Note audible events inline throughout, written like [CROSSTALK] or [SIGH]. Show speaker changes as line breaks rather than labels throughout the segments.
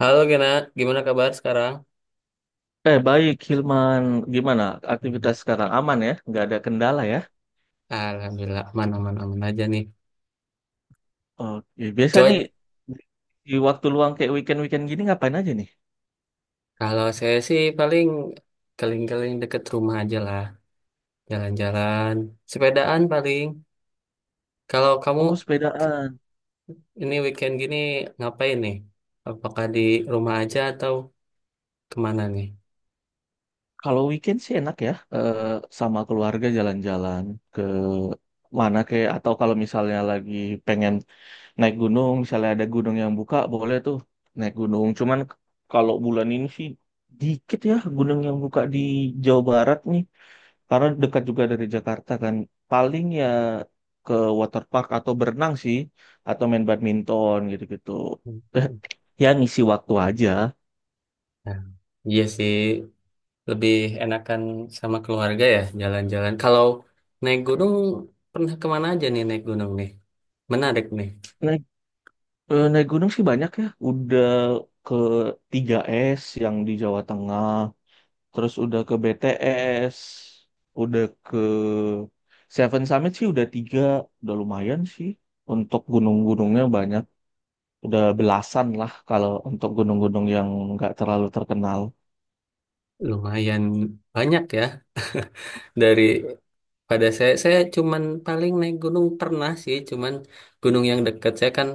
Halo Gena, gimana kabar sekarang?
Baik, Hilman. Gimana
Hmm.
aktivitas sekarang? Aman ya? Nggak ada kendala ya?
Alhamdulillah aman-aman aman aman, aman aja nih.
Oke, biasa nih
Coy,
di waktu luang kayak weekend-weekend gini ngapain aja nih?
kalau saya sih paling keliling-keliling deket rumah aja lah, jalan-jalan, sepedaan paling. Kalau kamu
Oh, sepedaan.
ini weekend gini ngapain nih? Apakah di rumah aja atau kemana nih?
Kalau weekend sih enak ya, sama keluarga jalan-jalan ke mana kayak atau kalau misalnya lagi pengen naik gunung, misalnya ada gunung yang buka, boleh tuh naik gunung. Cuman kalau bulan ini sih dikit ya gunung yang buka di Jawa Barat nih. Karena dekat juga dari Jakarta kan. Paling ya ke waterpark atau berenang sih. Atau main badminton gitu-gitu.
Hmm.
Eh, Ya ngisi waktu aja.
Nah, iya sih, lebih enakan sama keluarga ya jalan-jalan. Kalau naik gunung, pernah kemana aja nih naik gunung nih? Menarik nih.
Naik, Naik gunung sih banyak ya. Udah ke Tiga s yang di Jawa Tengah. Terus udah ke B T S. Udah ke Seven Summit sih udah tiga. Udah lumayan sih. Untuk gunung-gunungnya banyak. Udah belasan lah kalau untuk gunung-gunung yang nggak terlalu terkenal.
Lumayan banyak ya dari pada saya cuman paling naik gunung pernah sih cuman gunung yang dekat saya kan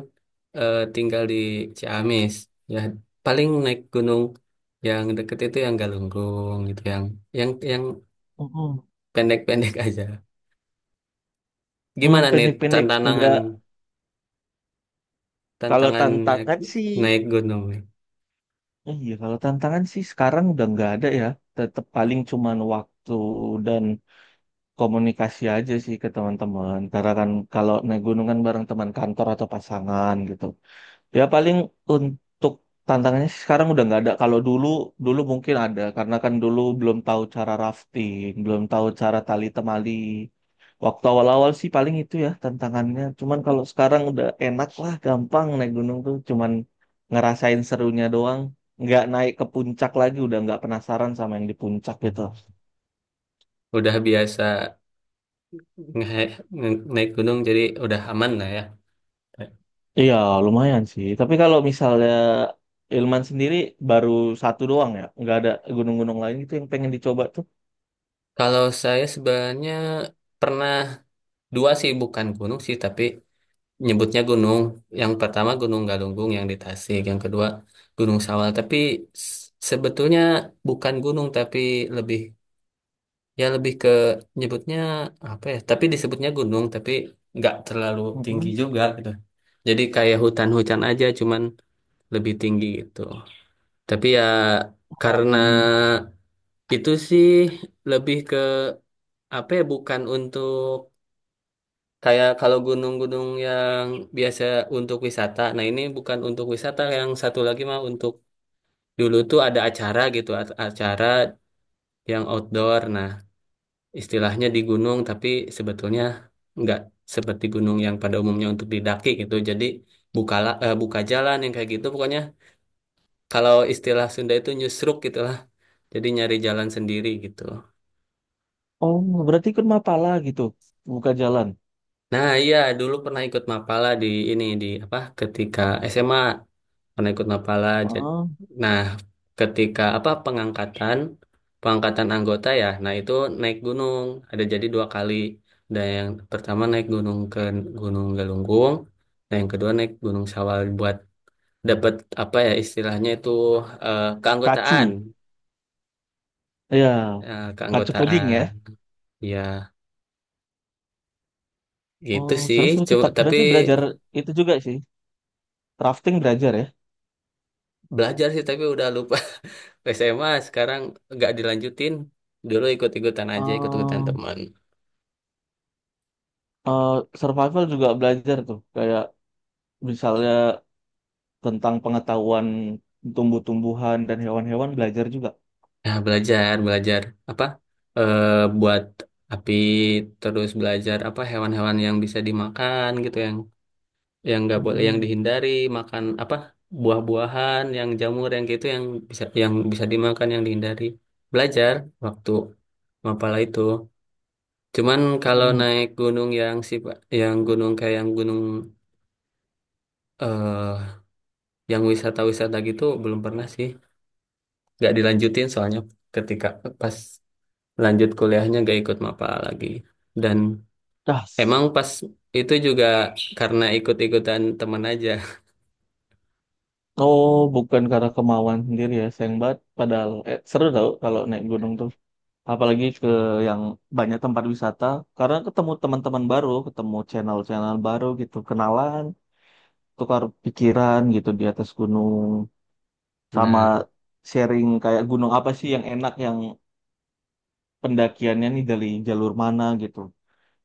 tinggal di Ciamis, ya paling naik gunung yang deket itu yang Galunggung gitu yang yang
Mm-mm.
pendek-pendek [LAUGHS] aja.
Hmm,
Gimana nih
pendek-pendek
tantangan
enggak. Kalau
tantangan naik,
tantangan sih,
naik gunung nih?
iya kalau tantangan sih sekarang udah nggak ada ya. Tetap paling cuman waktu dan komunikasi aja sih ke teman-teman. Karena kan kalau naik gunungan bareng teman kantor atau pasangan gitu. Ya paling untuk tantangannya sih sekarang udah nggak ada. Kalau dulu dulu mungkin ada karena kan dulu belum tahu cara rafting, belum tahu cara tali temali. Waktu awal-awal sih paling itu ya tantangannya. Cuman kalau sekarang udah enak lah, gampang naik gunung tuh. Cuman ngerasain serunya doang. Nggak naik ke puncak lagi, udah nggak penasaran sama yang di puncak gitu.
Mhm. Udah biasa naik gunung jadi udah aman lah ya.
Iya lumayan sih. Tapi kalau misalnya Ilman sendiri baru satu doang ya, nggak ada gunung-gunung lain gitu yang pengen dicoba
Kalau saya sebenarnya pernah dua sih, bukan gunung sih tapi nyebutnya gunung. Yang pertama Gunung Galunggung yang di Tasik, yang kedua Gunung Sawal. Tapi s- sebetulnya bukan gunung tapi lebih, ya lebih ke nyebutnya apa ya? Tapi disebutnya gunung tapi nggak terlalu
tuh.
tinggi juga gitu. Jadi kayak hutan-hutan aja cuman lebih tinggi gitu. Tapi ya karena
Oh,
itu sih lebih ke apa ya, bukan untuk kayak kalau gunung-gunung yang biasa untuk wisata. Nah, ini bukan untuk wisata, yang satu lagi mah untuk dulu tuh ada acara gitu, acara yang outdoor. Nah, istilahnya di gunung, tapi sebetulnya nggak seperti gunung yang pada umumnya untuk didaki gitu. Jadi buka jalan yang kayak gitu. Pokoknya kalau istilah Sunda itu nyusruk gitu lah. Jadi nyari jalan sendiri gitu.
oh, berarti ikut Mapala gitu, buka jalan.
Nah, iya dulu pernah ikut Mapala di ini di apa ketika SMA. Pernah ikut Mapala.
Oh,
Nah, ketika apa pengangkatan pengangkatan anggota ya, nah itu naik gunung. Ada jadi dua kali. Dan yang pertama naik gunung ke Gunung Galunggung, dan yang kedua naik Gunung Sawal buat dapat apa ya istilahnya itu keanggotaan.
kacu. Ya, kacu kuning
Keanggotaan.
ya.
Ya, gitu
Oh,
sih.
seru seru tuh.
Coba
Tapi
tapi
berarti belajar itu juga sih. Rafting belajar ya.
belajar sih tapi udah lupa [LAUGHS] SMA sekarang nggak dilanjutin. Dulu ikut-ikutan aja, ikut-ikutan
Oh,
teman.
eh, survival juga belajar tuh. Kayak misalnya tentang pengetahuan tumbuh-tumbuhan dan hewan-hewan belajar juga.
Ya, belajar, belajar apa? Eh, Buat api terus belajar apa hewan-hewan yang bisa dimakan gitu yang nggak boleh yang
Mm-mm.
dihindari, makan apa buah-buahan yang jamur yang gitu yang bisa dimakan yang dihindari, belajar waktu mapala itu. Cuman kalau
Mm-mm.
naik gunung yang sih yang gunung kayak yang gunung eh yang wisata-wisata gitu belum pernah sih, nggak dilanjutin soalnya ketika pas lanjut kuliahnya gak ikut MAPA lagi. Dan
Das.
emang pas itu juga karena ikut-ikutan teman aja.
Oh, bukan karena kemauan sendiri ya. Sayang banget. Padahal seru tau kalau naik gunung tuh. Apalagi ke yang banyak tempat wisata karena ketemu teman-teman baru, ketemu channel-channel baru gitu, kenalan, tukar pikiran gitu di atas gunung, sama
Nah,
sharing kayak gunung apa sih yang enak, yang pendakiannya nih dari jalur mana gitu.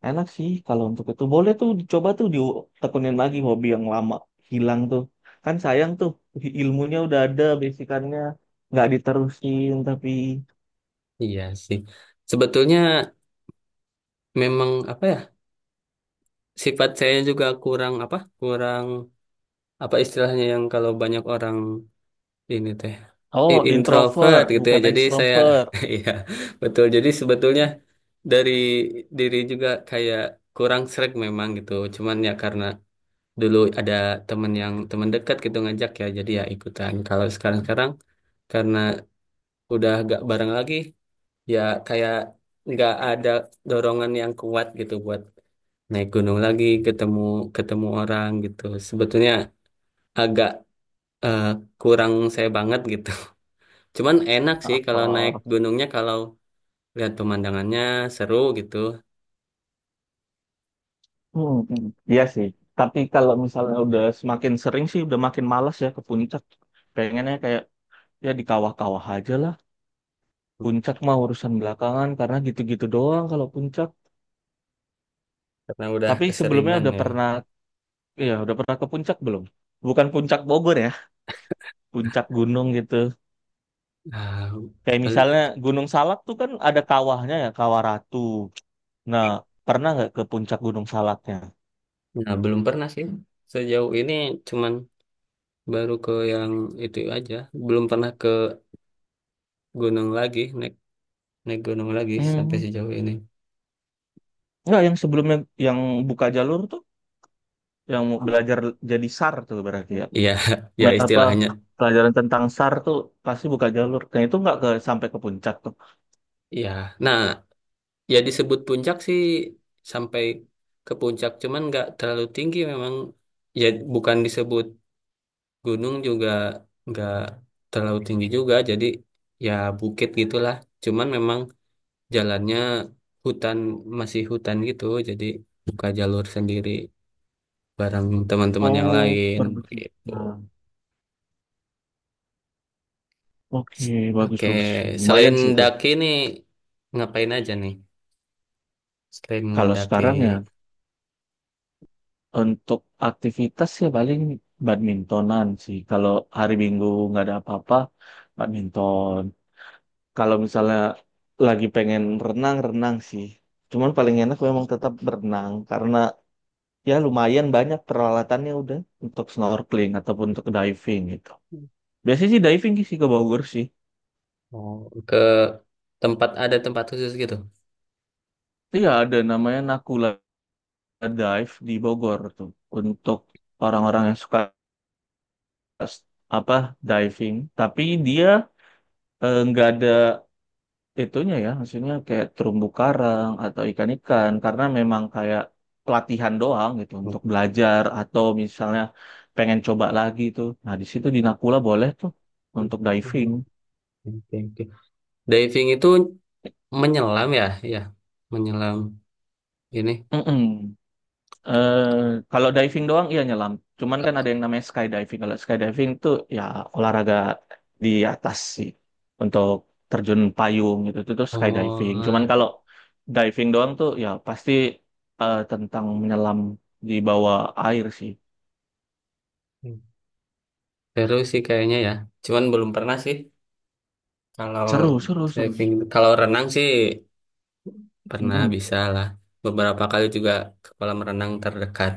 Enak sih kalau untuk itu, boleh tuh dicoba tuh, ditekunin lagi hobi yang lama hilang tuh, kan sayang tuh, ilmunya udah ada basicannya nggak diterusin tapi.
iya sih. Sebetulnya memang apa ya, sifat saya juga kurang apa istilahnya yang kalau banyak orang ini teh
Oh,
introvert
introvert
gitu ya.
bukan
Jadi saya
ekstrovert.
[LAUGHS] iya, betul. Jadi sebetulnya dari diri juga kayak kurang sreg memang gitu. Cuman ya karena dulu ada temen yang teman dekat gitu ngajak ya jadi ya ikutan. Kalau sekarang sekarang karena udah gak bareng lagi, ya kayak nggak ada dorongan yang kuat gitu buat naik gunung lagi, ketemu ketemu orang gitu. Sebetulnya agak eh, kurang saya banget gitu. [LAUGHS] Cuman enak sih kalau naik
Oh,
gunungnya kalau lihat pemandangannya seru gitu.
hmm, hmm. Iya sih. Tapi kalau misalnya udah semakin sering sih, udah makin malas ya ke puncak. Pengennya kayak ya di kawah-kawah aja lah. Puncak mah urusan belakangan karena gitu-gitu doang kalau puncak.
Karena udah
Tapi sebelumnya
keseringan
udah
ya.
pernah, ya udah pernah ke puncak belum? Bukan puncak Bogor ya, puncak gunung gitu.
Ah,
Kayak
bel-
misalnya Gunung Salak tuh kan ada kawahnya ya, Kawah Ratu. Nah, pernah nggak ke puncak Gunung Salaknya?
nah belum pernah sih sejauh ini, cuman baru ke yang itu aja, belum pernah ke gunung lagi, naik naik gunung lagi sampai
Hmm,
sejauh ini.
nggak yang sebelumnya yang buka jalur tuh yang mau belajar jadi SAR tuh berarti ya.
Iya. [LAUGHS] Ya
Apa
istilahnya,
pelajaran tentang SAR tuh pasti buka jalur. Nah, itu nggak ke sampai ke puncak tuh.
ya nah ya, disebut puncak sih sampai ke puncak cuman nggak terlalu tinggi memang, ya bukan disebut gunung juga, nggak terlalu tinggi juga jadi ya bukit gitulah. Cuman memang jalannya hutan, masih hutan gitu, jadi buka jalur sendiri bareng teman-teman yang
Oh,
lain begitu.
perbukitan. Oke, bagus
Oke,
bagus.
selain
Lumayan sih itu.
daki nih ngapain aja nih? Selain
Kalau
mendaki,
sekarang ya untuk aktivitas ya paling badmintonan sih. Kalau hari Minggu nggak ada apa-apa, badminton. Kalau misalnya lagi pengen renang, renang sih. Cuman paling enak memang tetap berenang karena ya lumayan banyak peralatannya udah untuk snorkeling ataupun untuk diving gitu. Biasanya sih diving sih ke Bogor sih.
oh, ke tempat ada tempat khusus gitu.
Iya ada namanya Nakula Dive di Bogor tuh untuk orang-orang yang suka, s- apa, diving. Tapi dia nggak ada itunya ya, maksudnya kayak terumbu karang atau ikan-ikan karena memang kayak pelatihan doang gitu
Oke,
untuk belajar atau misalnya pengen coba lagi tuh. Nah, di situ di Nakula boleh tuh untuk diving.
oke, oke. Diving itu menyelam ya, ya, menyelam ini.
Mm-mm. eh Kalau diving doang iya nyelam. Cuman kan ada yang namanya skydiving. Kalau skydiving tuh ya olahraga di atas sih untuk terjun payung gitu itu tuh skydiving. Cuman
Oh,
kalau diving doang tuh ya pasti tentang menyelam di bawah air sih.
seru sih kayaknya ya. Cuman belum pernah sih. Kalau
Seru, seru, seru.
diving, kalau renang sih pernah
Mm-mm.
bisa lah. Beberapa kali juga ke kolam renang terdekat.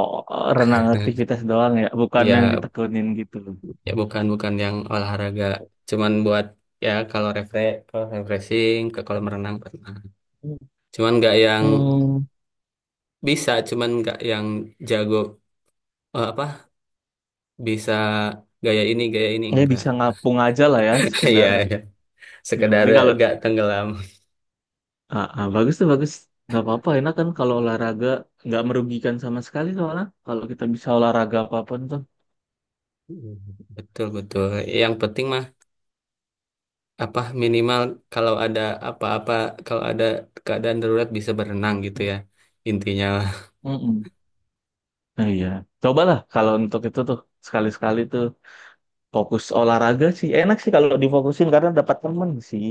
Oh, renang
[LAUGHS]
aktivitas doang ya, bukan yang
Ya,
ditekunin gitu.
ya bukan bukan yang olahraga, cuman buat ya kalau refresh kalau refreshing ke kolam renang pernah, cuman nggak yang
Hmm,
bisa, cuman nggak yang jago, apa bisa gaya ini
ya
enggak.
bisa ngapung aja lah ya,
[LAUGHS] Ya
sekedar.
ya.
Ya, yang
Sekedar
penting kalau,
nggak tenggelam.
ah, ah, bagus tuh bagus. Gak apa-apa enak kan kalau olahraga nggak merugikan sama sekali soalnya kalau kita bisa olahraga apapun tuh.
Mm, betul betul, yang penting mah apa minimal kalau ada apa-apa, kalau ada keadaan darurat bisa berenang gitu ya, intinya lah.
Mm-mm. Nah, iya. Cobalah kalau untuk itu tuh sekali-sekali tuh fokus olahraga sih. Enak sih kalau difokusin karena dapat temen sih.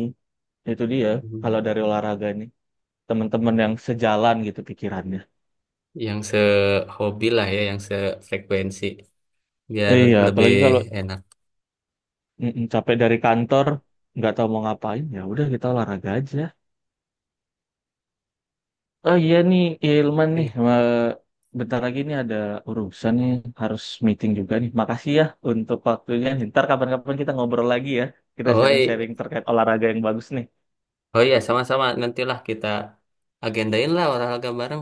Itu dia
Mm.
kalau dari olahraga nih. Teman-teman yang sejalan gitu pikirannya.
Yang sehobi lah ya, yang sefrekuensi biar
Iya,
lebih
apalagi kalau
enak.
capek dari kantor nggak tahu mau ngapain ya udah kita olahraga aja. Oh iya nih, Ilman nih.
Oke.
Wah, bentar lagi nih ada urusan nih, harus meeting juga nih. Makasih ya untuk waktunya. Ntar kapan-kapan kita ngobrol lagi ya. Kita
Oh,
sharing-sharing terkait olahraga yang bagus nih.
oh iya, sama-sama. Nantilah kita agendain lah olahraga bareng.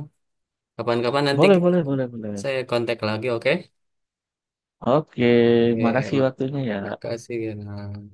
Kapan-kapan nanti
Boleh, boleh, boleh, boleh.
saya kontak lagi, oke?
Oke,
Oke,
makasih
mak-
waktunya ya.
makasih, Gina.